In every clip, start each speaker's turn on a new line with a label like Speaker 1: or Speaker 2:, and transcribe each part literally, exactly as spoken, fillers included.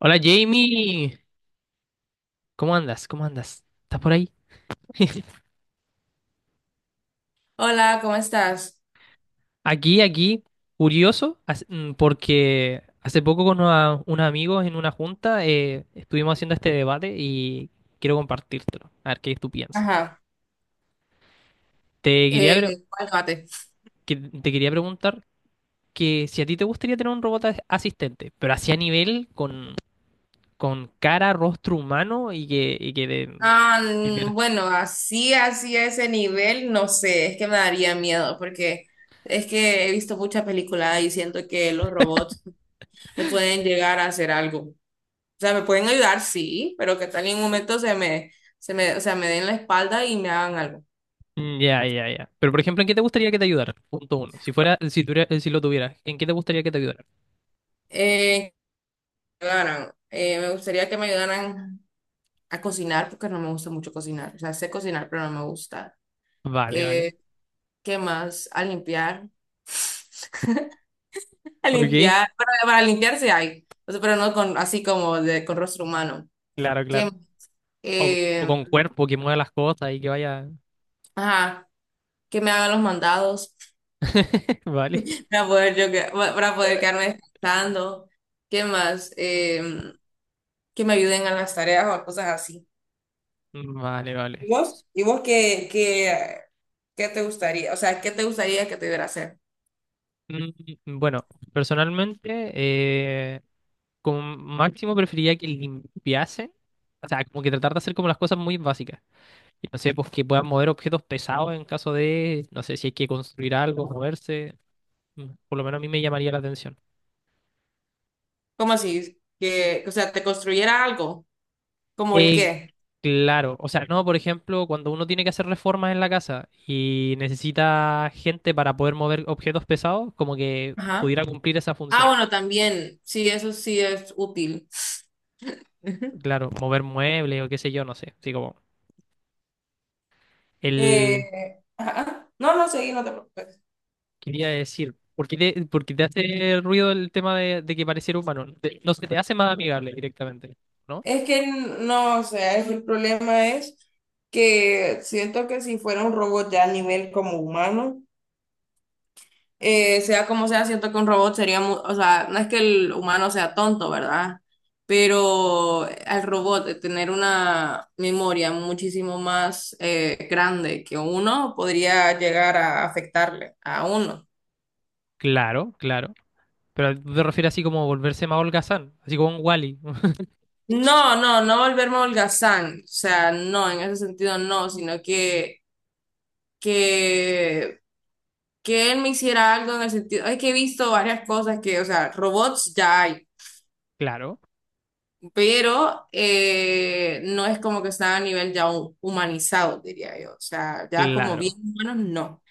Speaker 1: Hola Jamie, ¿cómo andas? ¿Cómo andas? ¿Estás por ahí?
Speaker 2: Hola, ¿cómo estás?
Speaker 1: Aquí, aquí, curioso, as- mm, porque hace poco con una- unos amigos en una junta eh, estuvimos haciendo este debate y quiero compartírtelo, a ver qué tú piensas.
Speaker 2: Ajá.
Speaker 1: Te quería, pre-
Speaker 2: Eh, ¿cuál mate?
Speaker 1: que- Te quería preguntar que si a ti te gustaría tener un robot as- asistente, pero así a nivel con, con cara, rostro humano y que, y que, de-
Speaker 2: Ah, mm, bueno, así, así a ese nivel, no sé, es que me daría miedo porque es que he visto muchas películas y siento que los robots me pueden llegar a hacer algo. O sea, me pueden ayudar, sí, pero que tal en un momento se me, se me, o sea, me den la espalda y me hagan algo.
Speaker 1: Mm, Ya, ya, ya. Pero por ejemplo, ¿en qué te gustaría que te ayudara? Punto uno. Si fuera, si tuviera- si lo tuvieras, ¿en qué te gustaría que te ayudara?
Speaker 2: Eh, que me ayudaran. Eh, me gustaría que me ayudaran a cocinar porque no me gusta mucho cocinar. O sea, sé cocinar, pero no me gusta.
Speaker 1: Vale, vale.
Speaker 2: Eh, ¿qué más? A limpiar. A
Speaker 1: Ok,
Speaker 2: limpiar, para, para limpiarse hay, o sea, pero no con así como de, con rostro humano.
Speaker 1: claro, claro.
Speaker 2: Que,
Speaker 1: O, o
Speaker 2: eh,
Speaker 1: con cuerpo que mueva las cosas y que vaya.
Speaker 2: ajá, que me hagan los mandados
Speaker 1: Vale.
Speaker 2: para poder, yo, que- para poder quedarme descansando. ¿Qué más? Eh, que me ayuden a las tareas o a cosas así.
Speaker 1: Vale,
Speaker 2: ¿Y
Speaker 1: vale.
Speaker 2: vos? ¿Y vos qué, qué, qué te gustaría? O sea, ¿qué te gustaría que te hubiera hacer?
Speaker 1: Mm, Bueno, personalmente, eh, con máximo preferiría que limpiase. O sea, como que tratar de hacer como las cosas muy básicas. Y no sé, pues que puedan mover objetos pesados en caso de, no sé, si hay que construir algo, moverse. Mm, Por lo menos a mí me llamaría la atención.
Speaker 2: ¿Cómo así? Que, o sea, te construyera algo. ¿Como el
Speaker 1: Eh,
Speaker 2: qué?
Speaker 1: claro, o sea, no, por ejemplo, cuando uno tiene que hacer reformas en la casa y necesita gente para poder mover objetos pesados, como que
Speaker 2: Ajá.
Speaker 1: pudiera cumplir esa
Speaker 2: Ah,
Speaker 1: función.
Speaker 2: bueno, también, sí, eso sí es útil.
Speaker 1: Claro, mover muebles o qué sé yo, no sé. Así como, el...
Speaker 2: Eh, ajá. No, no, seguí, no te preocupes.
Speaker 1: Quería decir, ¿por qué te, por qué te hace ruido el tema de, de que pareciera humano? Te- no se te hace más amigable directamente, ¿no?
Speaker 2: Es que no, o sea, es- el problema es que siento que si fuera un robot ya a nivel como humano, eh, sea como sea, siento que un robot sería, mu- o sea, no es que el humano sea tonto, ¿verdad? Pero al robot de tener una memoria muchísimo más eh, grande que uno podría llegar a afectarle a uno.
Speaker 1: Claro, claro. Pero tú te refieres así como volverse más holgazán, así como un Wally.
Speaker 2: No, no, no volverme holgazán, o sea, no, en ese sentido no, sino que, que, que él me hiciera algo en el sentido, es que he visto varias cosas que, o sea, robots ya hay,
Speaker 1: Claro,
Speaker 2: pero eh, no es como que está a nivel ya hu- humanizado, diría yo, o sea, ya como bien
Speaker 1: claro,
Speaker 2: humanos, no.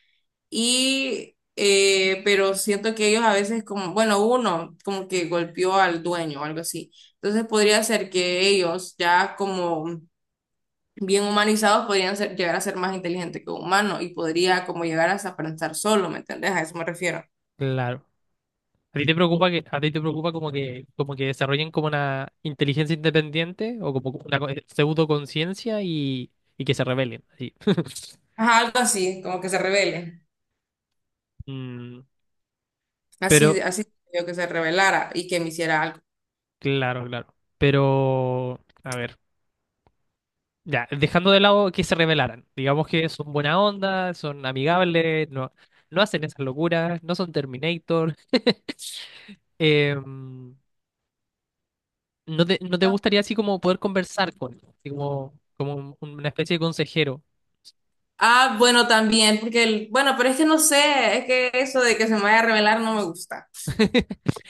Speaker 2: Y, eh, pero siento que ellos a veces como, bueno, uno como que golpeó al dueño o algo así, entonces podría ser que ellos ya como... bien humanizados podrían ser, llegar a ser más inteligentes que un humano y podría como llegar hasta pensar solo, ¿me entendés? A eso me refiero.
Speaker 1: claro. ¿A ti te preocupa que, a ti te preocupa como que, como que desarrollen como una inteligencia independiente o como una co- pseudoconciencia y, y que se rebelen? Así.
Speaker 2: Ajá, algo así, como que se revele.
Speaker 1: Mm, pero,
Speaker 2: Así, así yo que se revelara y que me hiciera algo.
Speaker 1: claro, claro. Pero, a ver, ya, dejando de lado que se rebelaran. Digamos que son buena onda, son amigables, no, no hacen esas locuras, no son Terminator. Em, ¿no te, no te gustaría así como poder conversar con ellos? Así como, como un- una especie de consejero?
Speaker 2: Ah, bueno, también, porque el, bueno, pero es que no sé, es que eso de que se me vaya a revelar no me gusta.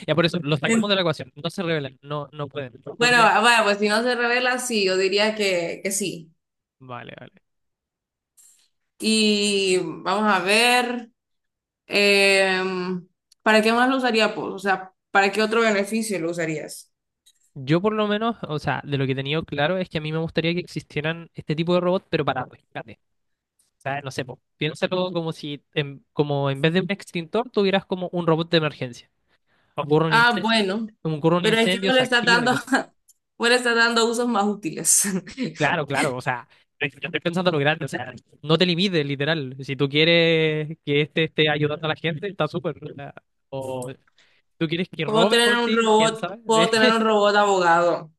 Speaker 1: Ya por eso, los sacamos de
Speaker 2: En-
Speaker 1: la ecuación. No se revelan, no, no pueden, no
Speaker 2: Bueno,
Speaker 1: cumplen.
Speaker 2: ah, bueno, pues si no se revela, sí, yo diría que, que sí.
Speaker 1: Vale, vale.
Speaker 2: Y vamos a ver, em, ¿para qué más lo usaría, pues? O sea, ¿para qué otro beneficio lo usarías?
Speaker 1: Yo por lo menos, o sea, de lo que he tenido claro es que a mí me gustaría que existieran este tipo de robots, pero para rescate. O sea, no sé, po, piénsalo como si en, como en vez de un extintor tuvieras como un robot de emergencia. Ocurre un
Speaker 2: Ah,
Speaker 1: incendio,
Speaker 2: bueno,
Speaker 1: ocurre un
Speaker 2: pero es que
Speaker 1: incendio,
Speaker 2: vos le
Speaker 1: se
Speaker 2: estás
Speaker 1: activa y
Speaker 2: dando,
Speaker 1: cosas.
Speaker 2: vos le estás dando usos más útiles.
Speaker 1: Claro, claro, o sea, yo estoy pensando en lo grande, o sea, no te limites, literal. Si tú quieres que este esté ayudando a la gente, está súper. O sea, o- ¿tú quieres que
Speaker 2: Puedo
Speaker 1: robe
Speaker 2: tener
Speaker 1: por
Speaker 2: un
Speaker 1: ti? ¿Quién
Speaker 2: robot,
Speaker 1: sabe?
Speaker 2: puedo tener un robot abogado.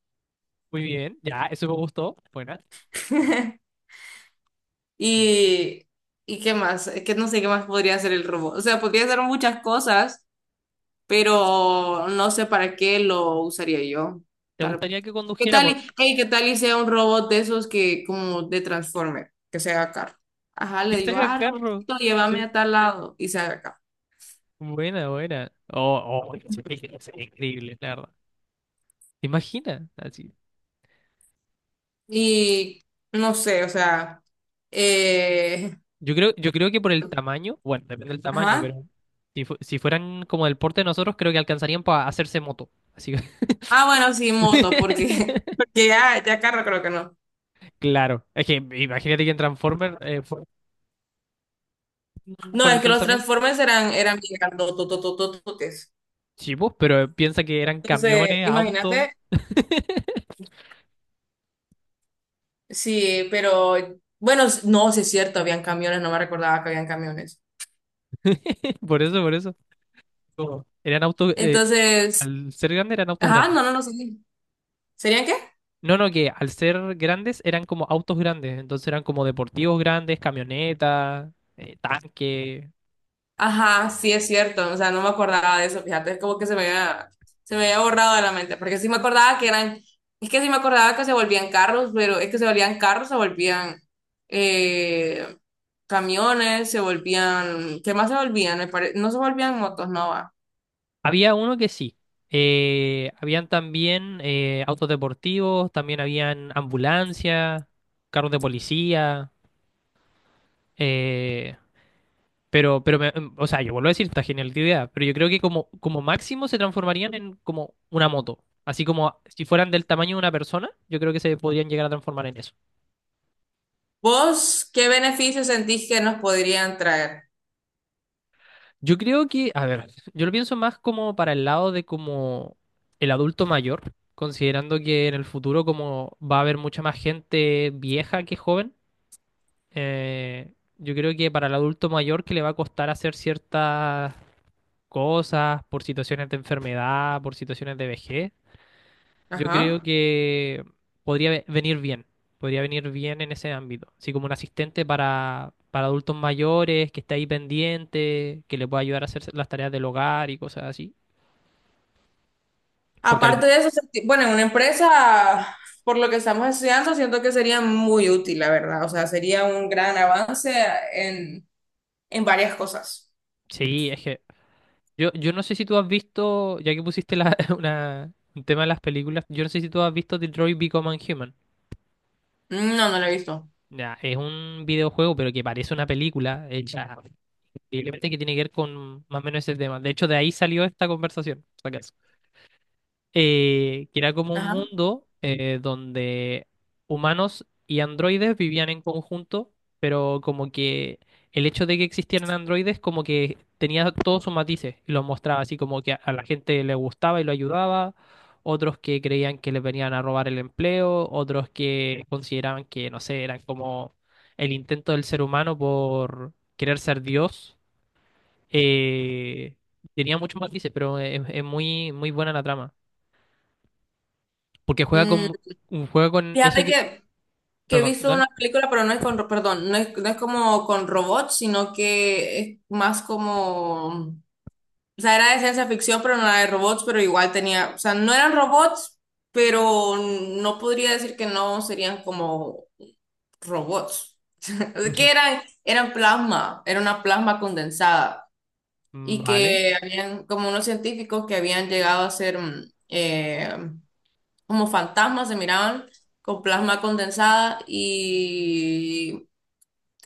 Speaker 1: Muy bien, ya, eso me gustó. Buena.
Speaker 2: Y, ¿y qué más? Es que no sé qué más podría hacer el robot. O sea, podría hacer muchas cosas, pero no sé para qué lo usaría yo.
Speaker 1: ¿Te
Speaker 2: Tal-
Speaker 1: gustaría que
Speaker 2: ¿Qué
Speaker 1: condujera
Speaker 2: tal y,
Speaker 1: por ti?
Speaker 2: hey, qué tal y sea un robot de esos que como de Transformer, que se haga carro? Ajá,
Speaker 1: ¿Qué
Speaker 2: le digo,
Speaker 1: saca
Speaker 2: ah,
Speaker 1: carro?
Speaker 2: robotito, llévame
Speaker 1: Che.
Speaker 2: a tal lado y se haga carro.
Speaker 1: Buena, buena. Oh, oh, es increíble, es increíble, la verdad. ¿Te imaginas? Así.
Speaker 2: Y no sé, o sea, eh,
Speaker 1: Yo creo, yo creo que por el tamaño, bueno, depende del tamaño,
Speaker 2: ajá.
Speaker 1: pero si, fu- si fueran como del porte de nosotros, creo que alcanzarían para hacerse moto. Así que.
Speaker 2: Ah, bueno, sí, moto, porque, porque ya, ya carro creo que no.
Speaker 1: Claro, es que imagínate que en Transformers eh, fueron
Speaker 2: No,
Speaker 1: con
Speaker 2: es
Speaker 1: el
Speaker 2: que los
Speaker 1: pensamiento.
Speaker 2: Transformers eran, eran bien grandotototototes.
Speaker 1: Sí, pues, pero piensa que eran
Speaker 2: Entonces,
Speaker 1: camiones, autos.
Speaker 2: imagínate, sí, pero bueno, s- no, sí es cierto, habían camiones, no me recordaba que habían camiones.
Speaker 1: Por eso, por eso. Como, eran autos, eh,
Speaker 2: Entonces,
Speaker 1: al ser grandes eran autos
Speaker 2: ajá,
Speaker 1: grandes.
Speaker 2: no, no, no, sí. ¿Serían qué?
Speaker 1: No, no, que al ser grandes eran como autos grandes. Entonces eran como deportivos grandes, camionetas, eh, tanques.
Speaker 2: Ajá, sí es cierto, o sea, no me acordaba de eso, fíjate, es como que se me había, se me había borrado de la mente, porque sí me acordaba que eran, es que sí me acordaba que se volvían carros, pero es que se volvían carros, se volvían eh, camiones, se volvían, ¿qué más se volvían? Me pare- no se volvían motos, no va.
Speaker 1: Había uno que sí. Eh, habían también eh, autos deportivos, también habían ambulancias, carros de policía. eh, pero, pero me- o sea, yo vuelvo a decir, esta genialidad, pero yo creo que como, como máximo se transformarían en como una moto. Así como si fueran del tamaño de una persona, yo creo que se podrían llegar a transformar en eso.
Speaker 2: ¿Vos qué beneficios sentís que nos podrían traer?
Speaker 1: Yo creo que, a ver, yo lo pienso más como para el lado de como el adulto mayor, considerando que en el futuro como va a haber mucha más gente vieja que joven, eh, yo creo que para el adulto mayor que le va a costar hacer ciertas cosas por situaciones de enfermedad, por situaciones de vejez, yo creo
Speaker 2: Ajá.
Speaker 1: que podría ve- venir bien, podría venir bien en ese ámbito, así como un asistente para, para adultos mayores, que esté ahí pendiente, que le pueda ayudar a hacer las tareas del hogar y cosas así. Porque al-
Speaker 2: Aparte de eso, sentí- bueno, en una empresa, por lo que estamos estudiando, siento que sería muy útil, la verdad. O sea, sería un gran avance en varias cosas.
Speaker 1: sí, es que yo, yo no sé si tú has visto, ya que pusiste la- una- un tema de las películas, yo no sé si tú has visto Detroit Become a Human.
Speaker 2: No, no la he visto.
Speaker 1: Ya, es un videojuego, pero que parece una película hecha, posiblemente que tiene que ver con más o menos ese tema. De hecho, de ahí salió esta conversación. Eh, que era como un
Speaker 2: Ajá.
Speaker 1: mundo eh, donde humanos y androides vivían en conjunto, pero como que el hecho de que existieran androides como que tenía todos sus matices y los mostraba así como que a a la gente le gustaba y lo ayudaba, otros que creían que les venían a robar el empleo, otros que consideraban que, no sé, eran como el intento del ser humano por querer ser Dios. Eh, tenía muchos matices, pero es, es muy, muy buena la trama. Porque juega
Speaker 2: Mm,
Speaker 1: con un juego con eso
Speaker 2: fíjate
Speaker 1: que.
Speaker 2: que, que he
Speaker 1: Perdón,
Speaker 2: visto
Speaker 1: dale.
Speaker 2: una película, pero no es con, ro- perdón, no es, no es como con robots, sino que es más como, o sea, era de ciencia ficción, pero no era de robots, pero igual tenía, o sea, no eran robots, pero no podría decir que no serían como robots. Es Que eran, eran plasma, era una plasma condensada y
Speaker 1: Vale.
Speaker 2: que habían como unos científicos que habían llegado a ser mm, eh, como fantasmas, se miraban con plasma condensada y,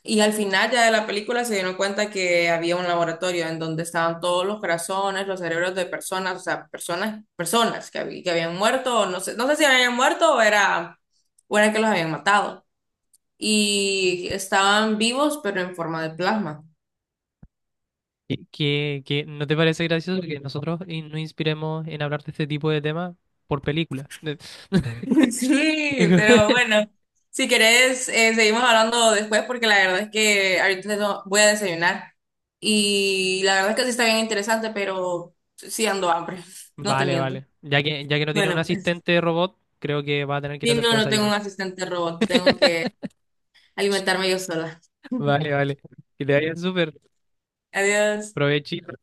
Speaker 2: y al final ya de la película se dieron cuenta que había un laboratorio en donde estaban todos los corazones, los cerebros de personas, o sea, personas, personas que, hab- que habían muerto, o no sé, no sé si habían muerto o era, o era que los habían matado. Y estaban vivos, pero en forma de plasma.
Speaker 1: ¿Qué, qué- qué- no te parece gracioso que nosotros in- nos inspiremos en hablar de este tipo de temas por película? De-
Speaker 2: Sí, pero bueno, si querés, eh, seguimos hablando después porque la verdad es que ahorita no voy a desayunar y la verdad es que sí está bien interesante, pero sí ando hambre, no te
Speaker 1: Vale,
Speaker 2: miento.
Speaker 1: vale. Ya que, ya que no tiene un
Speaker 2: Bueno, pues,
Speaker 1: asistente robot, creo que va a tener que ir a
Speaker 2: sí, no,
Speaker 1: hacerte
Speaker 2: no tengo
Speaker 1: desayuno.
Speaker 2: un asistente robot, tengo que alimentarme yo sola.
Speaker 1: Vale, vale. Que te vaya súper.
Speaker 2: Adiós.
Speaker 1: Provechito.